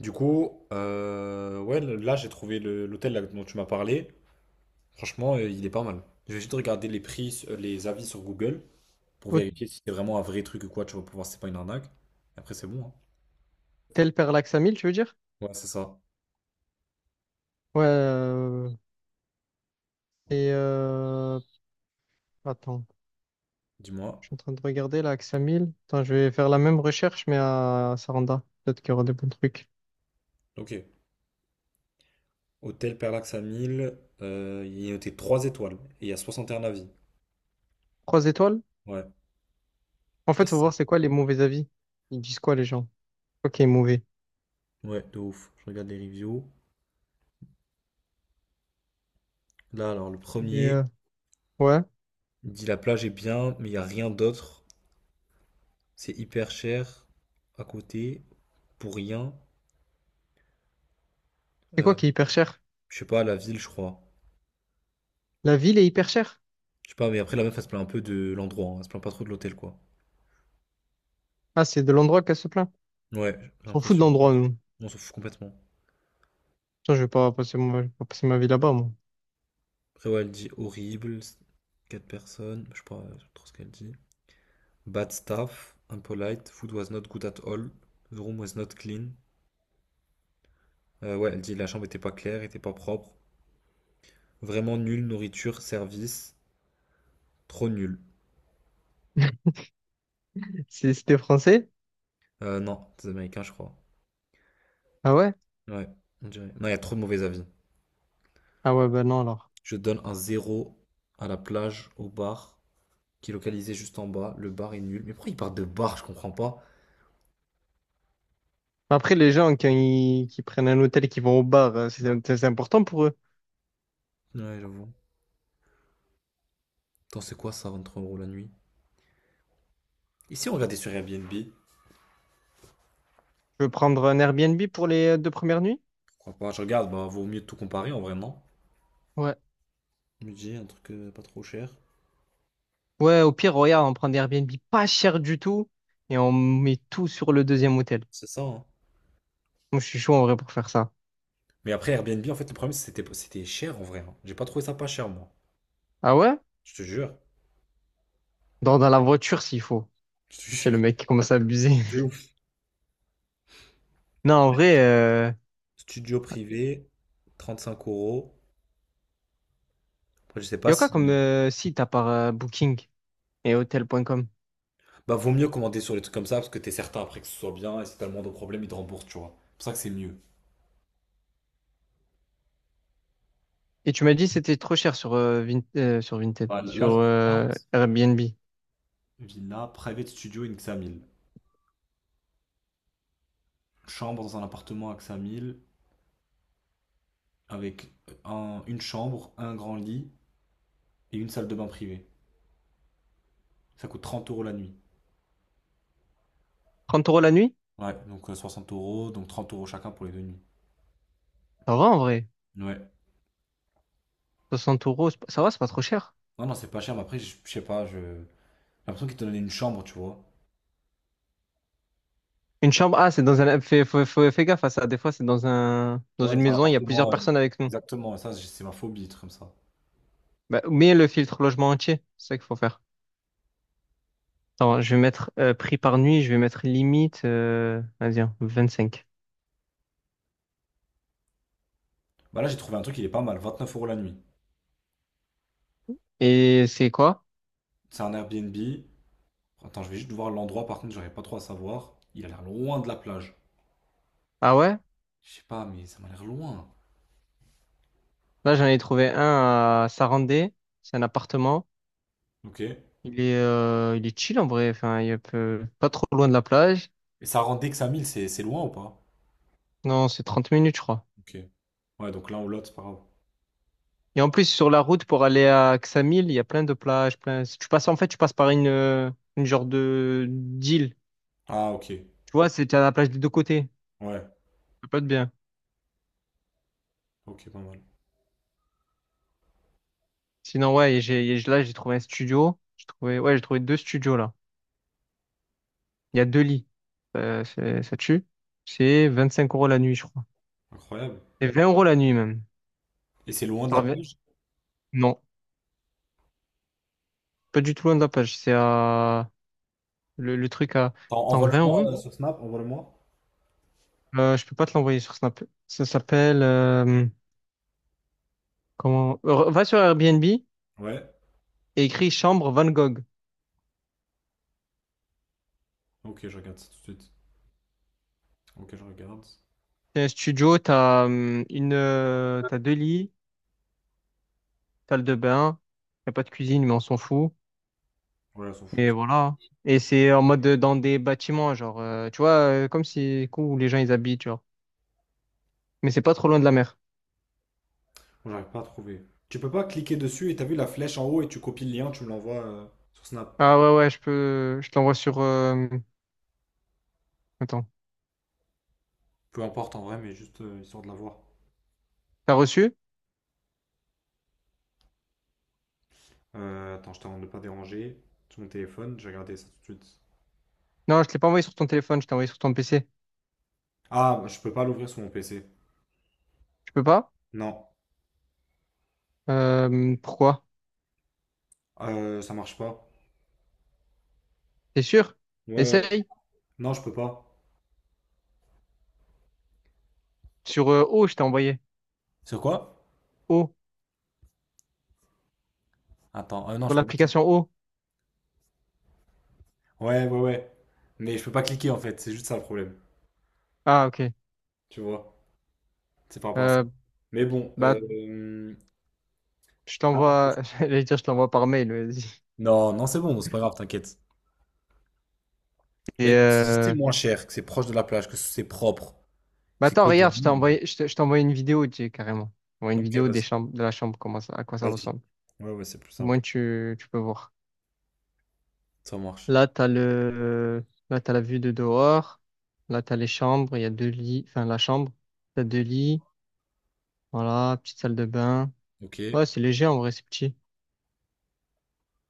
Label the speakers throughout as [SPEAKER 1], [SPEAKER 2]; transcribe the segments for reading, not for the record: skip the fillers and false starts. [SPEAKER 1] Du coup, ouais, là j'ai trouvé l'hôtel là dont tu m'as parlé. Franchement, il est pas mal. Je vais juste regarder les prix, les avis sur Google pour
[SPEAKER 2] Hôtel
[SPEAKER 1] vérifier si c'est vraiment un vrai truc ou quoi. Tu vas pouvoir, c'est pas une arnaque. Après, c'est bon, hein.
[SPEAKER 2] Parallax à tu veux dire?
[SPEAKER 1] Ouais, c'est ça.
[SPEAKER 2] Ouais. Et attends,
[SPEAKER 1] Dis-moi.
[SPEAKER 2] je suis en train de regarder là, Axe. Attends, je vais faire la même recherche, mais à Saranda. Peut-être qu'il y aura des bons trucs.
[SPEAKER 1] Ok. Hôtel Perlax à 1000, il est noté 3 étoiles et il y a 61 avis.
[SPEAKER 2] Trois étoiles?
[SPEAKER 1] Ouais. Je
[SPEAKER 2] En
[SPEAKER 1] sais pas
[SPEAKER 2] fait, faut
[SPEAKER 1] si
[SPEAKER 2] voir c'est quoi les mauvais avis. Ils disent quoi les gens? Quoi qui est mauvais?
[SPEAKER 1] ouais, de ouf. Je regarde les reviews. Là, alors, le
[SPEAKER 2] Et
[SPEAKER 1] premier
[SPEAKER 2] ouais.
[SPEAKER 1] il dit la plage est bien, mais il n'y a rien d'autre. C'est hyper cher à côté, pour rien.
[SPEAKER 2] C'est quoi
[SPEAKER 1] Euh,
[SPEAKER 2] qui est hyper cher?
[SPEAKER 1] Je sais pas, la ville, je crois.
[SPEAKER 2] La ville est hyper chère.
[SPEAKER 1] Je sais pas, mais après, la meuf, elle se plaint un peu de l'endroit, hein. Elle se plaint pas trop de l'hôtel, quoi.
[SPEAKER 2] Ah, c'est de l'endroit qu'elle se plaint.
[SPEAKER 1] Ouais, j'ai
[SPEAKER 2] On s'en fout de
[SPEAKER 1] l'impression.
[SPEAKER 2] l'endroit, nous.
[SPEAKER 1] On s'en fout complètement.
[SPEAKER 2] Putain, je vais pas passer ma vie là-bas, moi.
[SPEAKER 1] Après, ouais, elle dit horrible, quatre personnes, je sais pas trop ce qu'elle dit. Bad staff, impolite, food was not good at all, the room was not clean. Ouais, elle dit la chambre était pas claire, était pas propre. Vraiment nulle nourriture, service, trop nul.
[SPEAKER 2] C'était français?
[SPEAKER 1] Non, c'est américain, je crois.
[SPEAKER 2] Ah ouais?
[SPEAKER 1] Ouais, on dirait. Non, il y a trop de mauvais avis.
[SPEAKER 2] Ah ouais, ben non, alors.
[SPEAKER 1] Je donne un zéro à la plage, au bar, qui est localisé juste en bas. Le bar est nul. Mais pourquoi ils partent de bar. Je comprends pas.
[SPEAKER 2] Après, les gens qui prennent un hôtel et qui vont au bar, c'est important pour eux.
[SPEAKER 1] Ouais, j'avoue. Attends, c'est quoi ça, 23 euros la nuit. Et si on regardait sur Airbnb. Je
[SPEAKER 2] Je veux prendre un Airbnb pour les deux premières nuits?
[SPEAKER 1] crois pas. Je regarde, bah, vaut mieux tout comparer en vrai, non.
[SPEAKER 2] Ouais.
[SPEAKER 1] Budget, un truc pas trop cher.
[SPEAKER 2] Ouais, au pire, regarde, on prend des Airbnb pas cher du tout et on met tout sur le deuxième hôtel.
[SPEAKER 1] C'est ça, hein.
[SPEAKER 2] Moi, je suis chaud en vrai pour faire ça.
[SPEAKER 1] Mais après, Airbnb, en fait, le problème, c'était cher en vrai, hein. J'ai pas trouvé ça pas cher, moi.
[SPEAKER 2] Ah ouais?
[SPEAKER 1] Je te jure.
[SPEAKER 2] Dans la voiture s'il faut.
[SPEAKER 1] Je te
[SPEAKER 2] J'ai le
[SPEAKER 1] jure.
[SPEAKER 2] mec qui commence à abuser.
[SPEAKER 1] C'est ouf.
[SPEAKER 2] Non, en vrai,
[SPEAKER 1] Studio privé, 35 euros. Après, je sais
[SPEAKER 2] y
[SPEAKER 1] pas
[SPEAKER 2] a quoi comme
[SPEAKER 1] si.
[SPEAKER 2] site à part Booking et Hotel.com?
[SPEAKER 1] Bah, vaut mieux commander sur les trucs comme ça parce que t'es certain après que ce soit bien et si t'as le moindre problème, ils te remboursent, tu vois. C'est pour ça que c'est mieux.
[SPEAKER 2] Et tu m'as dit que c'était trop cher sur, sur Vinted,
[SPEAKER 1] Ouais, là,
[SPEAKER 2] sur
[SPEAKER 1] je regarde
[SPEAKER 2] Airbnb.
[SPEAKER 1] villa, private studio in Xamil. Chambre dans un appartement à Xamil avec une chambre, un grand lit et une salle de bain privée. Ça coûte 30 euros la nuit.
[SPEAKER 2] 30 € la nuit?
[SPEAKER 1] Ouais, donc 60 euros, donc 30 euros chacun pour les 2 nuits.
[SPEAKER 2] Ça va en vrai.
[SPEAKER 1] Ouais.
[SPEAKER 2] 60 euros, c'est pas- ça va, c'est pas trop cher.
[SPEAKER 1] Non, non, c'est pas cher, mais après, je sais pas, j'ai l'impression qu'ils te donnaient une chambre, tu vois.
[SPEAKER 2] Une chambre, ah, c'est dans un. Fais gaffe à ça. Des fois, c'est dans
[SPEAKER 1] Ouais,
[SPEAKER 2] une
[SPEAKER 1] dans un
[SPEAKER 2] maison, il y a plusieurs
[SPEAKER 1] appartement.
[SPEAKER 2] personnes avec nous.
[SPEAKER 1] Exactement, ça, c'est ma phobie, des trucs comme ça.
[SPEAKER 2] Bah, mais le filtre logement entier, c'est ça qu'il faut faire. Attends, je vais mettre prix par nuit, je vais mettre limite, vas-y, hein, 25.
[SPEAKER 1] Bah là, j'ai trouvé un truc, il est pas mal, 29 euros la nuit.
[SPEAKER 2] Et c'est quoi?
[SPEAKER 1] C'est un Airbnb. Attends, je vais juste voir l'endroit, par contre, j'aurais pas trop à savoir. Il a l'air loin de la plage.
[SPEAKER 2] Ah ouais?
[SPEAKER 1] Je sais pas, mais ça m'a l'air loin.
[SPEAKER 2] Là, j'en ai trouvé un à Sarandé. C'est un appartement.
[SPEAKER 1] Ok, et
[SPEAKER 2] Il est chill en vrai. Enfin, il est pas trop loin de la plage.
[SPEAKER 1] ça rend dès que 5000, c'est loin ou pas?
[SPEAKER 2] Non, c'est 30 minutes, je crois.
[SPEAKER 1] Ok. Ouais, donc là, on l'autre, c'est pas grave.
[SPEAKER 2] Et en plus, sur la route pour aller à Ksamil, il y a plein de plages, plein. Tu passes, en fait, tu passes par une genre de d'île.
[SPEAKER 1] Ah, ok.
[SPEAKER 2] Tu vois, c'est à la plage des deux côtés.
[SPEAKER 1] Ouais,
[SPEAKER 2] Ça peut être bien.
[SPEAKER 1] ok, pas mal.
[SPEAKER 2] Sinon, ouais, et et là, j'ai trouvé un studio. J'ai trouvé, ouais, j'ai trouvé deux studios, là. Il y a deux lits. Ça tue. C'est 25 € la nuit, je crois.
[SPEAKER 1] Incroyable.
[SPEAKER 2] C'est 20 € la nuit, même.
[SPEAKER 1] Et c'est loin de
[SPEAKER 2] Ça
[SPEAKER 1] la
[SPEAKER 2] revient-
[SPEAKER 1] plage?
[SPEAKER 2] Non, pas du tout loin de la plage. C'est à. Le truc à.
[SPEAKER 1] Attends,
[SPEAKER 2] Attends, 20
[SPEAKER 1] envoie-le-moi
[SPEAKER 2] euros?
[SPEAKER 1] sur Snap, envoie-le-moi.
[SPEAKER 2] Je peux pas te l'envoyer sur Snap. Ça s'appelle. Comment. Va sur Airbnb.
[SPEAKER 1] Ouais,
[SPEAKER 2] Et écrit Chambre Van Gogh.
[SPEAKER 1] ok, je regarde ça tout de suite. Ok, je regarde.
[SPEAKER 2] C'est un studio, t'as deux lits, salle de bain, y a pas de cuisine, mais on s'en fout.
[SPEAKER 1] Ouais, elles s'en
[SPEAKER 2] Et
[SPEAKER 1] foutent.
[SPEAKER 2] voilà. Et c'est en mode dans des bâtiments, genre, tu vois, comme si cool, où les gens ils habitent, genre. Mais c'est pas trop loin de la mer.
[SPEAKER 1] Moi, j'arrive pas à trouver. Tu peux pas cliquer dessus et t'as vu la flèche en haut et tu copies le lien, tu me l'envoies sur Snap.
[SPEAKER 2] Ah ouais, ouais, je peux, je te l'envoie sur. Attends,
[SPEAKER 1] Peu importe en vrai, mais juste histoire de l'avoir.
[SPEAKER 2] t'as reçu?
[SPEAKER 1] Attends, je t'en de pas déranger. Sur mon téléphone, j'ai regardé ça tout de suite.
[SPEAKER 2] Non, je te l'ai pas envoyé sur ton téléphone, je t'ai envoyé sur ton PC.
[SPEAKER 1] Ah, je peux pas l'ouvrir sur mon PC.
[SPEAKER 2] Tu peux pas?
[SPEAKER 1] Non,
[SPEAKER 2] Pourquoi?
[SPEAKER 1] Ça marche pas.
[SPEAKER 2] T'es sûr?
[SPEAKER 1] Ouais, ouais, ouais.
[SPEAKER 2] Essaye.
[SPEAKER 1] Non, je peux pas.
[SPEAKER 2] Sur O, je t'ai envoyé.
[SPEAKER 1] Sur quoi?
[SPEAKER 2] O,
[SPEAKER 1] Attends, non,
[SPEAKER 2] sur
[SPEAKER 1] je peux pas cliquer.
[SPEAKER 2] l'application O.
[SPEAKER 1] Ouais, ouais, ouais. Mais je peux pas cliquer en fait, c'est juste ça le problème.
[SPEAKER 2] Ah ok.
[SPEAKER 1] Tu vois? C'est par rapport à ça.
[SPEAKER 2] Euh,
[SPEAKER 1] Mais bon.
[SPEAKER 2] bah Je
[SPEAKER 1] Ah, ok.
[SPEAKER 2] t'envoie, j'allais dire, je t'envoie par mail, vas-y.
[SPEAKER 1] Non, non, c'est bon, c'est pas grave, t'inquiète. Bah
[SPEAKER 2] Et
[SPEAKER 1] écoute, si c'est
[SPEAKER 2] euh...
[SPEAKER 1] moins cher, que c'est proche de la plage, que c'est propre, que
[SPEAKER 2] bah
[SPEAKER 1] c'est
[SPEAKER 2] attends,
[SPEAKER 1] que de
[SPEAKER 2] regarde, je t'ai
[SPEAKER 1] nuit.
[SPEAKER 2] envoyé, je t'ai envoyé une vidéo, tu sais, carrément. Moi, une
[SPEAKER 1] Ok,
[SPEAKER 2] vidéo
[SPEAKER 1] vas-y,
[SPEAKER 2] de la chambre, comment ça, à quoi ça
[SPEAKER 1] vas-y.
[SPEAKER 2] ressemble.
[SPEAKER 1] Ouais, ouais, c'est plus
[SPEAKER 2] Au moins,
[SPEAKER 1] simple.
[SPEAKER 2] tu peux voir.
[SPEAKER 1] Ça marche.
[SPEAKER 2] Là, t'as le, là, t'as la vue de dehors. Là, t'as les chambres, il y a deux lits, enfin, la chambre. T'as deux lits. Voilà, petite salle de bain.
[SPEAKER 1] Ok, je
[SPEAKER 2] Ouais, c'est léger, en vrai, c'est petit.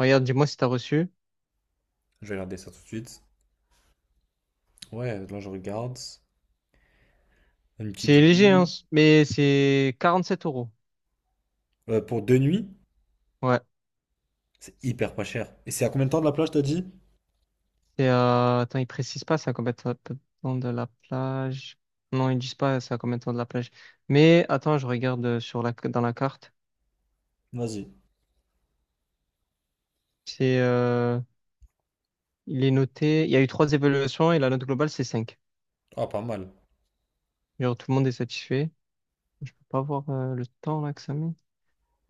[SPEAKER 2] Regarde, dis-moi si t'as reçu.
[SPEAKER 1] vais regarder ça tout de suite. Ouais, là je regarde. Une petite
[SPEAKER 2] C'est léger, hein,
[SPEAKER 1] vue.
[SPEAKER 2] mais c'est 47 euros.
[SPEAKER 1] Pour 2 nuits,
[SPEAKER 2] Ouais.
[SPEAKER 1] c'est hyper pas cher. Et c'est à combien de temps de la plage, t'as dit?
[SPEAKER 2] Et attends, ils précisent pas ça combien de temps de la plage. Non, ils disent pas ça combien de temps de la plage. Mais attends, je regarde sur la dans la carte.
[SPEAKER 1] Vas-y.
[SPEAKER 2] C'est il est noté. Il y a eu trois évaluations et la note globale c'est 5.
[SPEAKER 1] Ah, pas mal.
[SPEAKER 2] Genre tout le monde est satisfait. Je peux pas voir le temps là que ça met.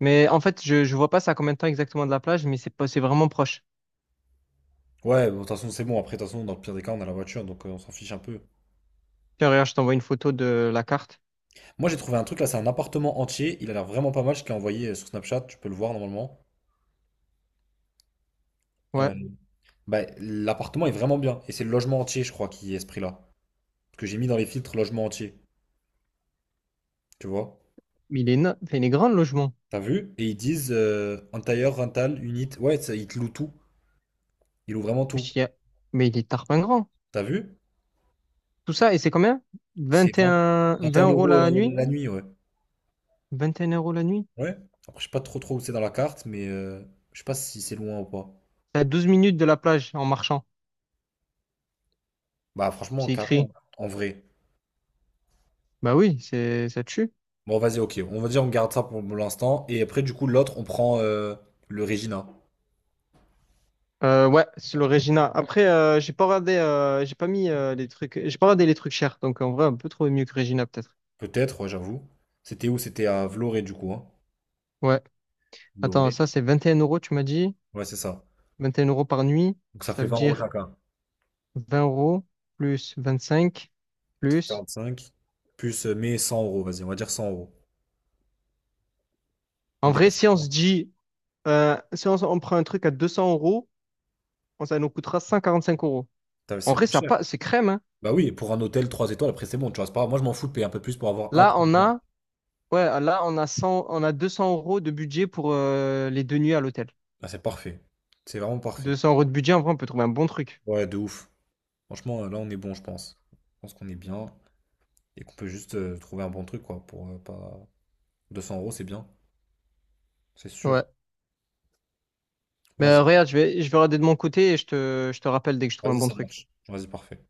[SPEAKER 2] Mais en fait, je vois pas ça combien de temps exactement de la plage, mais c'est pas c'est vraiment proche.
[SPEAKER 1] Ouais, bon, de toute façon, c'est bon. Après, de toute façon, dans le pire des cas, on a la voiture, donc on s'en fiche un peu.
[SPEAKER 2] Tiens, regarde, je t'envoie une photo de la carte.
[SPEAKER 1] Moi, j'ai trouvé un truc là, c'est un appartement entier. Il a l'air vraiment pas mal. Je te l'ai envoyé sur Snapchat, tu peux le voir normalement.
[SPEAKER 2] Ouais,
[SPEAKER 1] Euh, bah, l'appartement est vraiment bien. Et c'est le logement entier, je crois, qui est ce prix-là. Parce que j'ai mis dans les filtres logement entier. Tu vois?
[SPEAKER 2] mais enfin, il est grand le logement.
[SPEAKER 1] T'as vu? Et ils disent entire, rental, unit. Ouais, ça, ils te louent tout. Ils louent vraiment
[SPEAKER 2] Je
[SPEAKER 1] tout.
[SPEAKER 2] dis, ah. Mais il est tarpin grand.
[SPEAKER 1] T'as vu?
[SPEAKER 2] Tout ça, et c'est combien?
[SPEAKER 1] C'est 20.
[SPEAKER 2] 21,
[SPEAKER 1] Vingt et un
[SPEAKER 2] 20 €
[SPEAKER 1] euros
[SPEAKER 2] la nuit?
[SPEAKER 1] la nuit, ouais.
[SPEAKER 2] 21 € la nuit?
[SPEAKER 1] Ouais. Après, je sais pas trop trop où c'est dans la carte, mais je sais pas si c'est loin ou pas.
[SPEAKER 2] C'est à 12 minutes de la plage en marchant.
[SPEAKER 1] Bah franchement,
[SPEAKER 2] C'est
[SPEAKER 1] carré, hein,
[SPEAKER 2] écrit.
[SPEAKER 1] en vrai.
[SPEAKER 2] Bah oui, ça tue.
[SPEAKER 1] Bon, vas-y, ok. On va dire on garde ça pour l'instant. Et après, du coup, l'autre, on prend le Regina.
[SPEAKER 2] Ouais, c'est le Regina. Après, j'ai pas regardé, j'ai pas mis les trucs, j'ai pas regardé les trucs chers. Donc en vrai, on peut trouver mieux que Regina peut-être.
[SPEAKER 1] Peut-être, ouais, j'avoue. C'était où? C'était à Vloré, du coup, hein.
[SPEAKER 2] Ouais. Attends,
[SPEAKER 1] Vloré.
[SPEAKER 2] ça c'est 21 euros, tu m'as dit.
[SPEAKER 1] Ouais, c'est ça.
[SPEAKER 2] 21 € par nuit.
[SPEAKER 1] Donc ça
[SPEAKER 2] Ça
[SPEAKER 1] fait
[SPEAKER 2] veut
[SPEAKER 1] 20 euros
[SPEAKER 2] dire
[SPEAKER 1] chacun.
[SPEAKER 2] 20 € plus 25
[SPEAKER 1] Ça fait
[SPEAKER 2] plus.
[SPEAKER 1] 45. Plus, mais 100 euros, vas-y, on va dire 100 euros. On
[SPEAKER 2] En vrai,
[SPEAKER 1] dépasse
[SPEAKER 2] si on
[SPEAKER 1] pas.
[SPEAKER 2] se dit, si on prend un truc à 200 euros, ça nous coûtera 145 euros.
[SPEAKER 1] Putain, mais
[SPEAKER 2] En
[SPEAKER 1] c'est
[SPEAKER 2] vrai,
[SPEAKER 1] pas
[SPEAKER 2] ça
[SPEAKER 1] cher.
[SPEAKER 2] pas, c'est crème, hein.
[SPEAKER 1] Bah oui, pour un hôtel 3 étoiles, après c'est bon, tu vois, c'est pas grave. Moi, je m'en fous de payer un peu plus pour avoir un
[SPEAKER 2] Là,
[SPEAKER 1] truc bien.
[SPEAKER 2] ouais, là, on a 200 € de budget pour les deux nuits à l'hôtel.
[SPEAKER 1] Ah, c'est parfait. C'est vraiment parfait.
[SPEAKER 2] 200 € de budget, en vrai, on peut trouver un bon truc.
[SPEAKER 1] Ouais, de ouf. Franchement, là, on est bon, je pense. Je pense qu'on est bien et qu'on peut juste trouver un bon truc, quoi, pour pas... 200 euros, c'est bien, c'est sûr.
[SPEAKER 2] Ouais. Mais
[SPEAKER 1] Vas-y,
[SPEAKER 2] regarde, je vais regarder de mon côté et je te rappelle dès que je trouve un
[SPEAKER 1] vas-y,
[SPEAKER 2] bon
[SPEAKER 1] ça
[SPEAKER 2] truc.
[SPEAKER 1] marche. Vas-y, parfait.